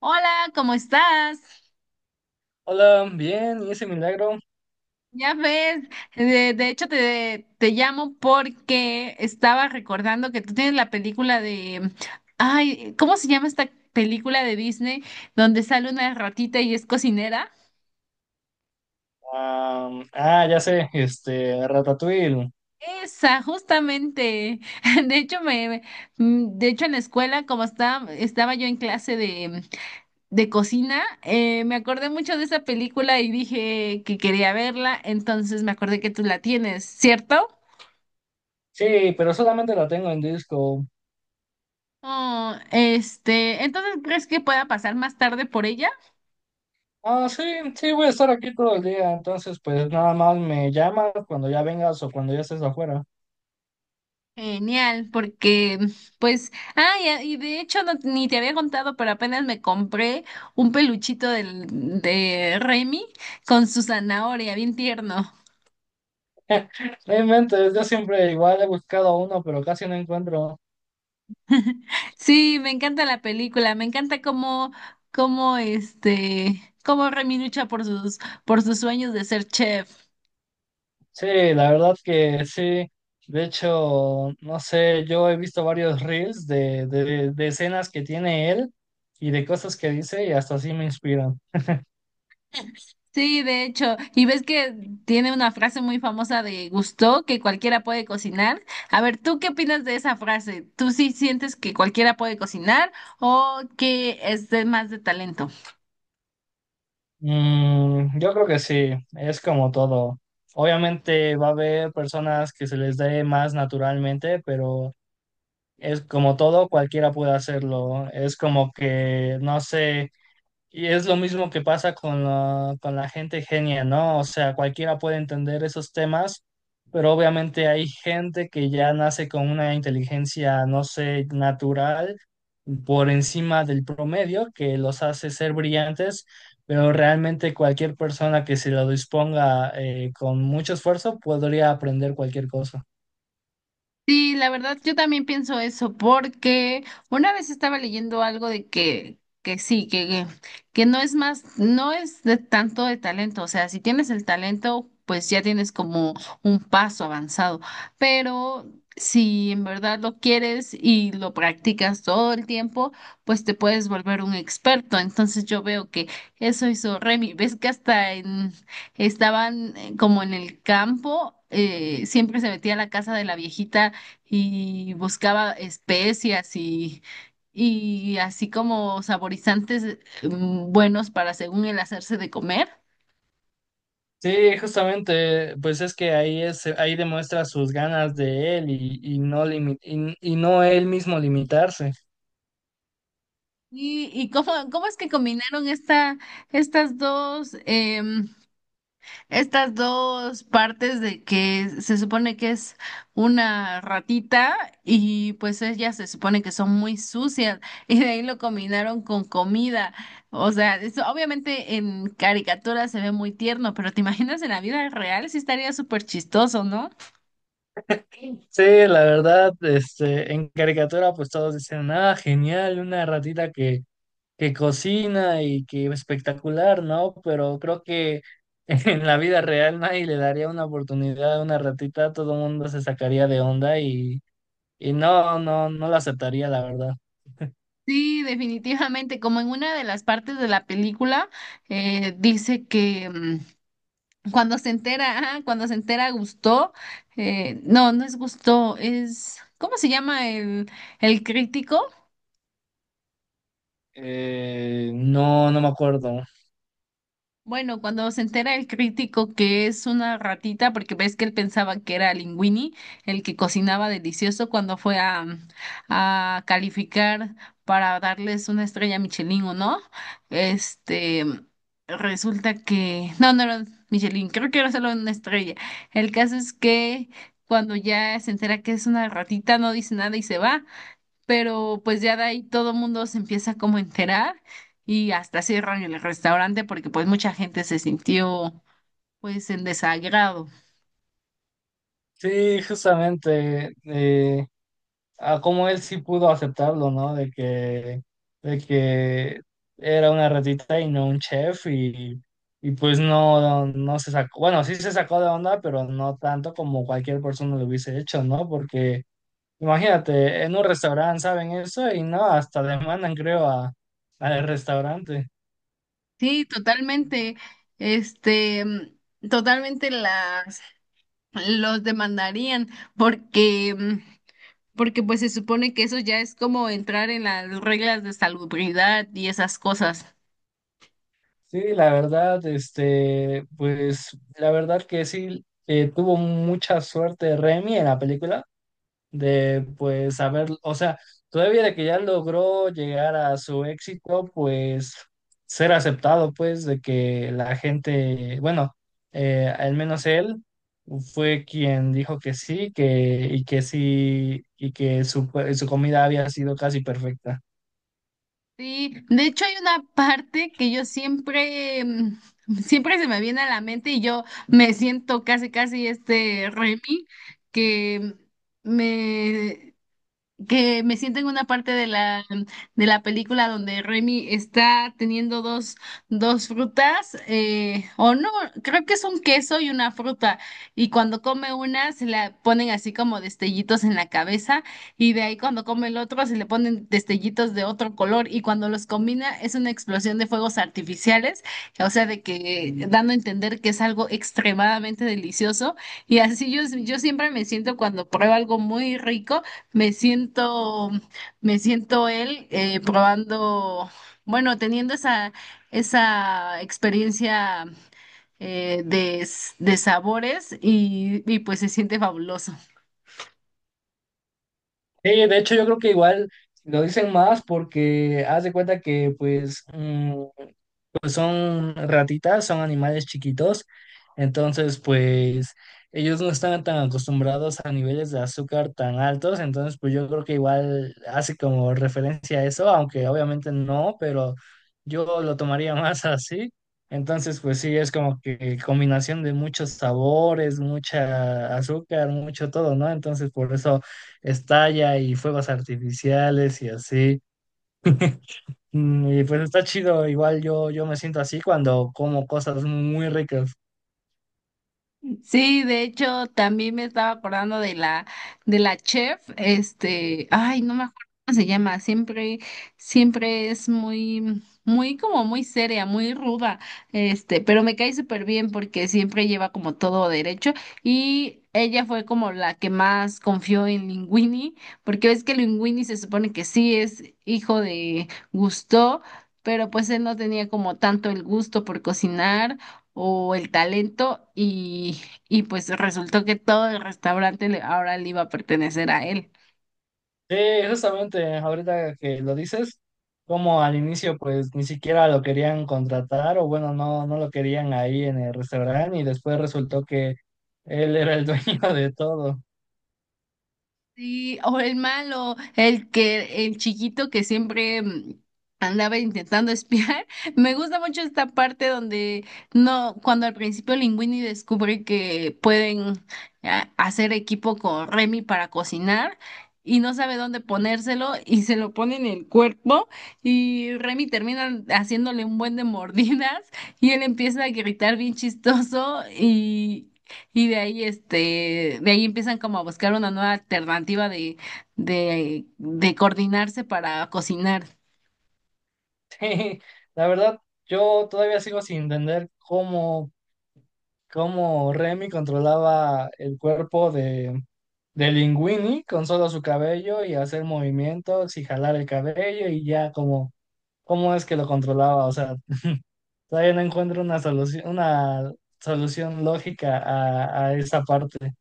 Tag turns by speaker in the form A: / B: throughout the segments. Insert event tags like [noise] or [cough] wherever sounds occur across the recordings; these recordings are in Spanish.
A: Hola, ¿cómo estás?
B: Hola, bien, y ese milagro.
A: Ya ves, de hecho te llamo porque estaba recordando que tú tienes la película de, ay, ¿cómo se llama esta película de Disney donde sale una ratita y es cocinera?
B: Ya sé, Ratatouille.
A: Esa, justamente. [laughs] De hecho, de hecho en la escuela, como estaba yo en clase de cocina, me acordé mucho de esa película y dije que quería verla, entonces me acordé que tú la tienes, ¿cierto?
B: Sí, pero solamente la tengo en disco.
A: Entonces, ¿crees que pueda pasar más tarde por ella?
B: Ah, sí, sí, voy a estar aquí todo el día, entonces pues nada más me llamas cuando ya vengas o cuando ya estés afuera.
A: Genial, porque, pues, y de hecho no- ni te había contado, pero apenas me compré un peluchito de Remy con su zanahoria, bien tierno.
B: No inventes, yo siempre igual he buscado uno, pero casi no encuentro.
A: [laughs] Sí, me encanta la película, me encanta cómo, cómo Remy lucha por sus sueños de ser chef.
B: Sí, la verdad que sí. De hecho, no sé, yo he visto varios reels de escenas que tiene él y de cosas que dice y hasta así me inspiran.
A: Sí, de hecho, y ves que tiene una frase muy famosa de Gusteau, que cualquiera puede cocinar. A ver, ¿tú qué opinas de esa frase? ¿Tú sí sientes que cualquiera puede cocinar o que es de más de talento?
B: Mm, yo creo que sí, es como todo. Obviamente va a haber personas que se les dé más naturalmente, pero es como todo, cualquiera puede hacerlo. Es como que, no sé. Y es lo mismo que pasa con con la gente genia, ¿no? O sea, cualquiera puede entender esos temas, pero obviamente hay gente que ya nace con una inteligencia, no sé, natural por encima del promedio, que los hace ser brillantes, pero realmente cualquier persona que se lo disponga con mucho esfuerzo podría aprender cualquier cosa.
A: Sí, la verdad, yo también pienso eso, porque una vez estaba leyendo algo de que sí, que no es más, no es de tanto de talento, o sea, si tienes el talento, pues ya tienes como un paso avanzado, pero si en verdad lo quieres y lo practicas todo el tiempo, pues te puedes volver un experto. Entonces yo veo que eso hizo Remy, ves que hasta en estaban como en el campo, siempre se metía a la casa de la viejita y buscaba especias y así como saborizantes buenos para según el hacerse de comer.
B: Sí, justamente, pues es que ahí es, ahí demuestra sus ganas de él y, y no él mismo limitarse.
A: ¿ cómo, cómo es que combinaron esta, estas dos? Estas dos partes de que se supone que es una ratita y pues ellas se supone que son muy sucias [laughs] y de ahí lo combinaron con comida. O sea, eso obviamente en caricatura se ve muy tierno, pero te [laughs] imaginas en la vida real sí estaría súper chistoso, ¿no?
B: Sí, la verdad, este, en caricatura pues todos dicen, ah, genial, una ratita que cocina y que espectacular, ¿no? Pero creo que [laughs] en la vida real nadie le daría una oportunidad a una ratita, todo el mundo se sacaría de onda y, y no la aceptaría, la verdad.
A: Sí, definitivamente, como en una de las partes de la película dice que. Cuando se entera, ah, cuando se entera Gusto, no, no es Gusto, es, ¿cómo se llama el crítico?
B: No, no me acuerdo.
A: Bueno, cuando se entera el crítico que es una ratita, porque ves que él pensaba que era Linguini, el que cocinaba delicioso cuando fue a calificar para darles una estrella Michelin o no, este, resulta que, no, no era Michelin, creo que era solo una estrella. El caso es que cuando ya se entera que es una ratita, no dice nada y se va, pero pues ya de ahí todo mundo se empieza como a enterar y hasta cierran el restaurante porque pues mucha gente se sintió pues en desagrado.
B: Sí, justamente, a cómo él sí pudo aceptarlo, ¿no? De que era una ratita y no un chef y pues no, no se sacó, bueno, sí se sacó de onda, pero no tanto como cualquier persona lo hubiese hecho, ¿no? Porque imagínate, en un restaurante saben eso y no, hasta demandan, creo, a, al restaurante.
A: Sí, totalmente, totalmente las, los demandarían porque, mm, porque pues se supone que eso ya es como entrar en las reglas de salubridad y esas cosas.
B: Sí, la verdad, este, pues la verdad que sí, tuvo mucha suerte Remy en la película de pues saber, o sea, todavía de que ya logró llegar a su éxito, pues ser aceptado, pues de que la gente, bueno, al menos él fue quien dijo que sí, que y que sí, y que su, pues, su comida había sido casi perfecta.
A: Sí, de hecho hay una parte que yo siempre se me viene a la mente y yo me siento casi, casi este Remy, que me, que me siento en una parte de la película donde Remy está teniendo dos, dos frutas, o no, creo que es un queso y una fruta, y cuando come una se la ponen así como destellitos en la cabeza, y de ahí cuando come el otro se le ponen destellitos de otro color, y cuando los combina es una explosión de fuegos artificiales, o sea, de que dando a entender que es algo extremadamente delicioso, y así yo siempre me siento cuando pruebo algo muy rico me siento, me siento él probando, bueno, teniendo esa, esa experiencia de sabores y pues se siente fabuloso.
B: Sí, de hecho yo creo que igual lo dicen más porque haz de cuenta que pues pues son ratitas, son animales chiquitos, entonces pues ellos no están tan acostumbrados a niveles de azúcar tan altos, entonces pues yo creo que igual hace como referencia a eso, aunque obviamente no, pero yo lo tomaría [laughs] más así. Entonces, pues sí, es como que combinación de muchos sabores, mucha azúcar, mucho todo, ¿no? Entonces, por eso estalla y fuegos artificiales y así. Mm, y pues está chido, igual yo me siento así cuando como cosas muy ricas.
A: Sí, de hecho, también me estaba acordando de la chef, este, ay, no me acuerdo cómo se llama, siempre, siempre es muy, muy como muy seria, muy ruda, este, pero me cae súper bien porque siempre lleva como todo derecho y ella fue como la que más confió en Linguini, porque ves que Linguini se supone que sí es hijo de Gusteau, pero pues él no tenía como tanto el gusto por cocinar o el talento y pues resultó que todo el restaurante le- ahora le iba a pertenecer a él.
B: Sí, justamente ahorita que lo dices, como al inicio pues ni siquiera lo querían contratar o bueno, no, no lo querían ahí en el restaurante y después resultó que él era el dueño [laughs] de todo.
A: Sí, o el malo, el que, el chiquito que andaba intentando espiar. [laughs] Me gusta mucho esta parte donde no, cuando al principio Linguini descubre que pueden hacer equipo con Remy para cocinar y no sabe dónde ponérselo y se lo pone en el cuerpo y Remy termina haciéndole un buen de mordidas y él empieza a gritar bien chistoso y de ahí, de ahí empiezan como a buscar una nueva alternativa de, de coordinarse para cocinar.
B: Sí, la verdad, yo todavía sigo sin entender cómo Remy controlaba el cuerpo de Linguini con solo su cabello y hacer movimientos y jalar el cabello y ya como cómo es que lo controlaba. O sea, todavía no encuentro una solución lógica a esa parte.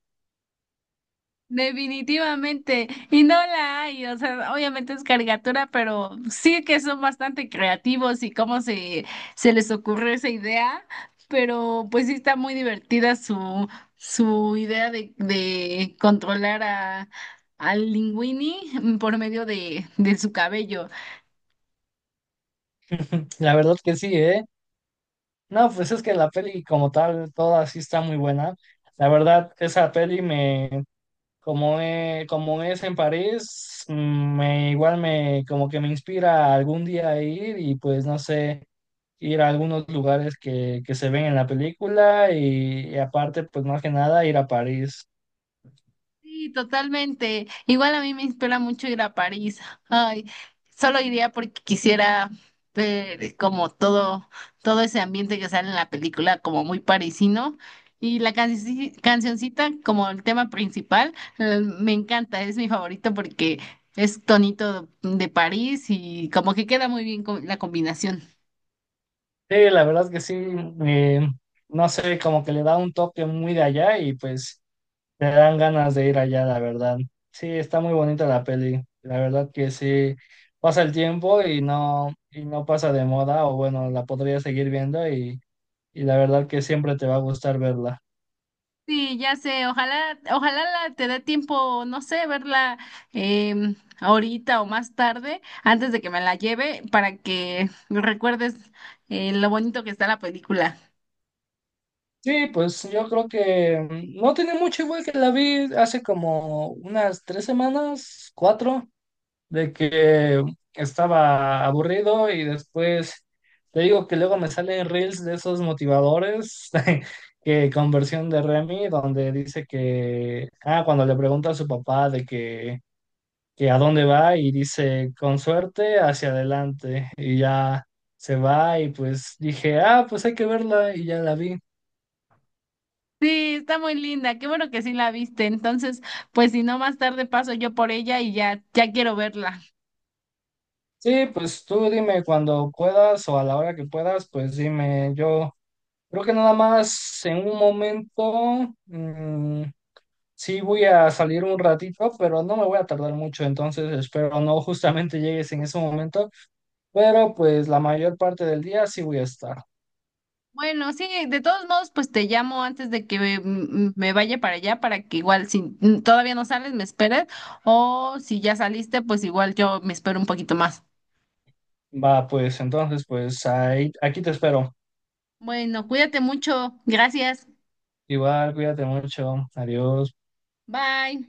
A: Definitivamente, y no la hay, o sea, obviamente es caricatura, pero sí que son bastante creativos y cómo se, se les ocurrió esa idea, pero pues sí está muy divertida su, su idea de controlar a, al Linguini por medio de su cabello.
B: La verdad que sí, ¿eh? No, pues es que la peli como tal, toda sí está muy buena. La verdad, esa peli me, como, como es en París, mm, me, igual me como que me inspira algún día a ir y pues no sé, ir a algunos lugares que se ven en la película y aparte pues más que nada ir a París.
A: Sí, totalmente. Igual a mí me inspira mucho ir a París. Ay, solo iría porque quisiera ver como todo, todo ese ambiente que sale en la película, como muy parisino. Y la canci- cancioncita, como el tema principal, me encanta, es mi favorito porque es tonito de París y como que queda muy bien con la combinación.
B: Sí, la verdad es que sí, eh, no sé, como que le da un toque muy de allá y pues te dan ganas de ir allá, la verdad. Sí, está muy bonita la peli, la verdad que sí, pasa el tiempo y no pasa de moda o bueno, la podría seguir viendo y la verdad que siempre te va a gustar verla.
A: Sí, ya sé, ojalá, ojalá la- te dé tiempo, no sé, verla ahorita o más tarde, antes de que me la lleve, para que recuerdes lo bonito que está la película.
B: Sí, pues yo creo que no tiene mucho igual que la vi hace como unas 3 semanas, cuatro, de que estaba aburrido y después te digo que luego me salen reels de esos motivadores [laughs] que con versión de Remy, donde dice que, ah, cuando le pregunta a su papá de que a dónde va y dice, con suerte, hacia adelante. Y ya se va y pues dije, ah, pues hay que verla y ya la vi.
A: Sí, está muy linda, qué bueno que sí la viste. Entonces, pues si no, más tarde paso yo por ella y ya, ya quiero verla.
B: Sí, pues tú dime cuando puedas o a la hora que puedas, pues dime, yo creo que nada más en un momento, sí voy a salir un ratito, pero no me voy a tardar mucho, entonces espero no justamente llegues en ese momento, pero pues la mayor parte del día sí voy a estar.
A: Bueno, sí, de todos modos, pues te llamo antes de que me vaya para allá, para que igual si todavía no sales, me esperes, o si ya saliste, pues igual yo me espero un poquito más.
B: Va, pues entonces, pues ahí, aquí te espero.
A: Bueno, cuídate mucho. Gracias.
B: Igual, cuídate mucho. Adiós.
A: Bye.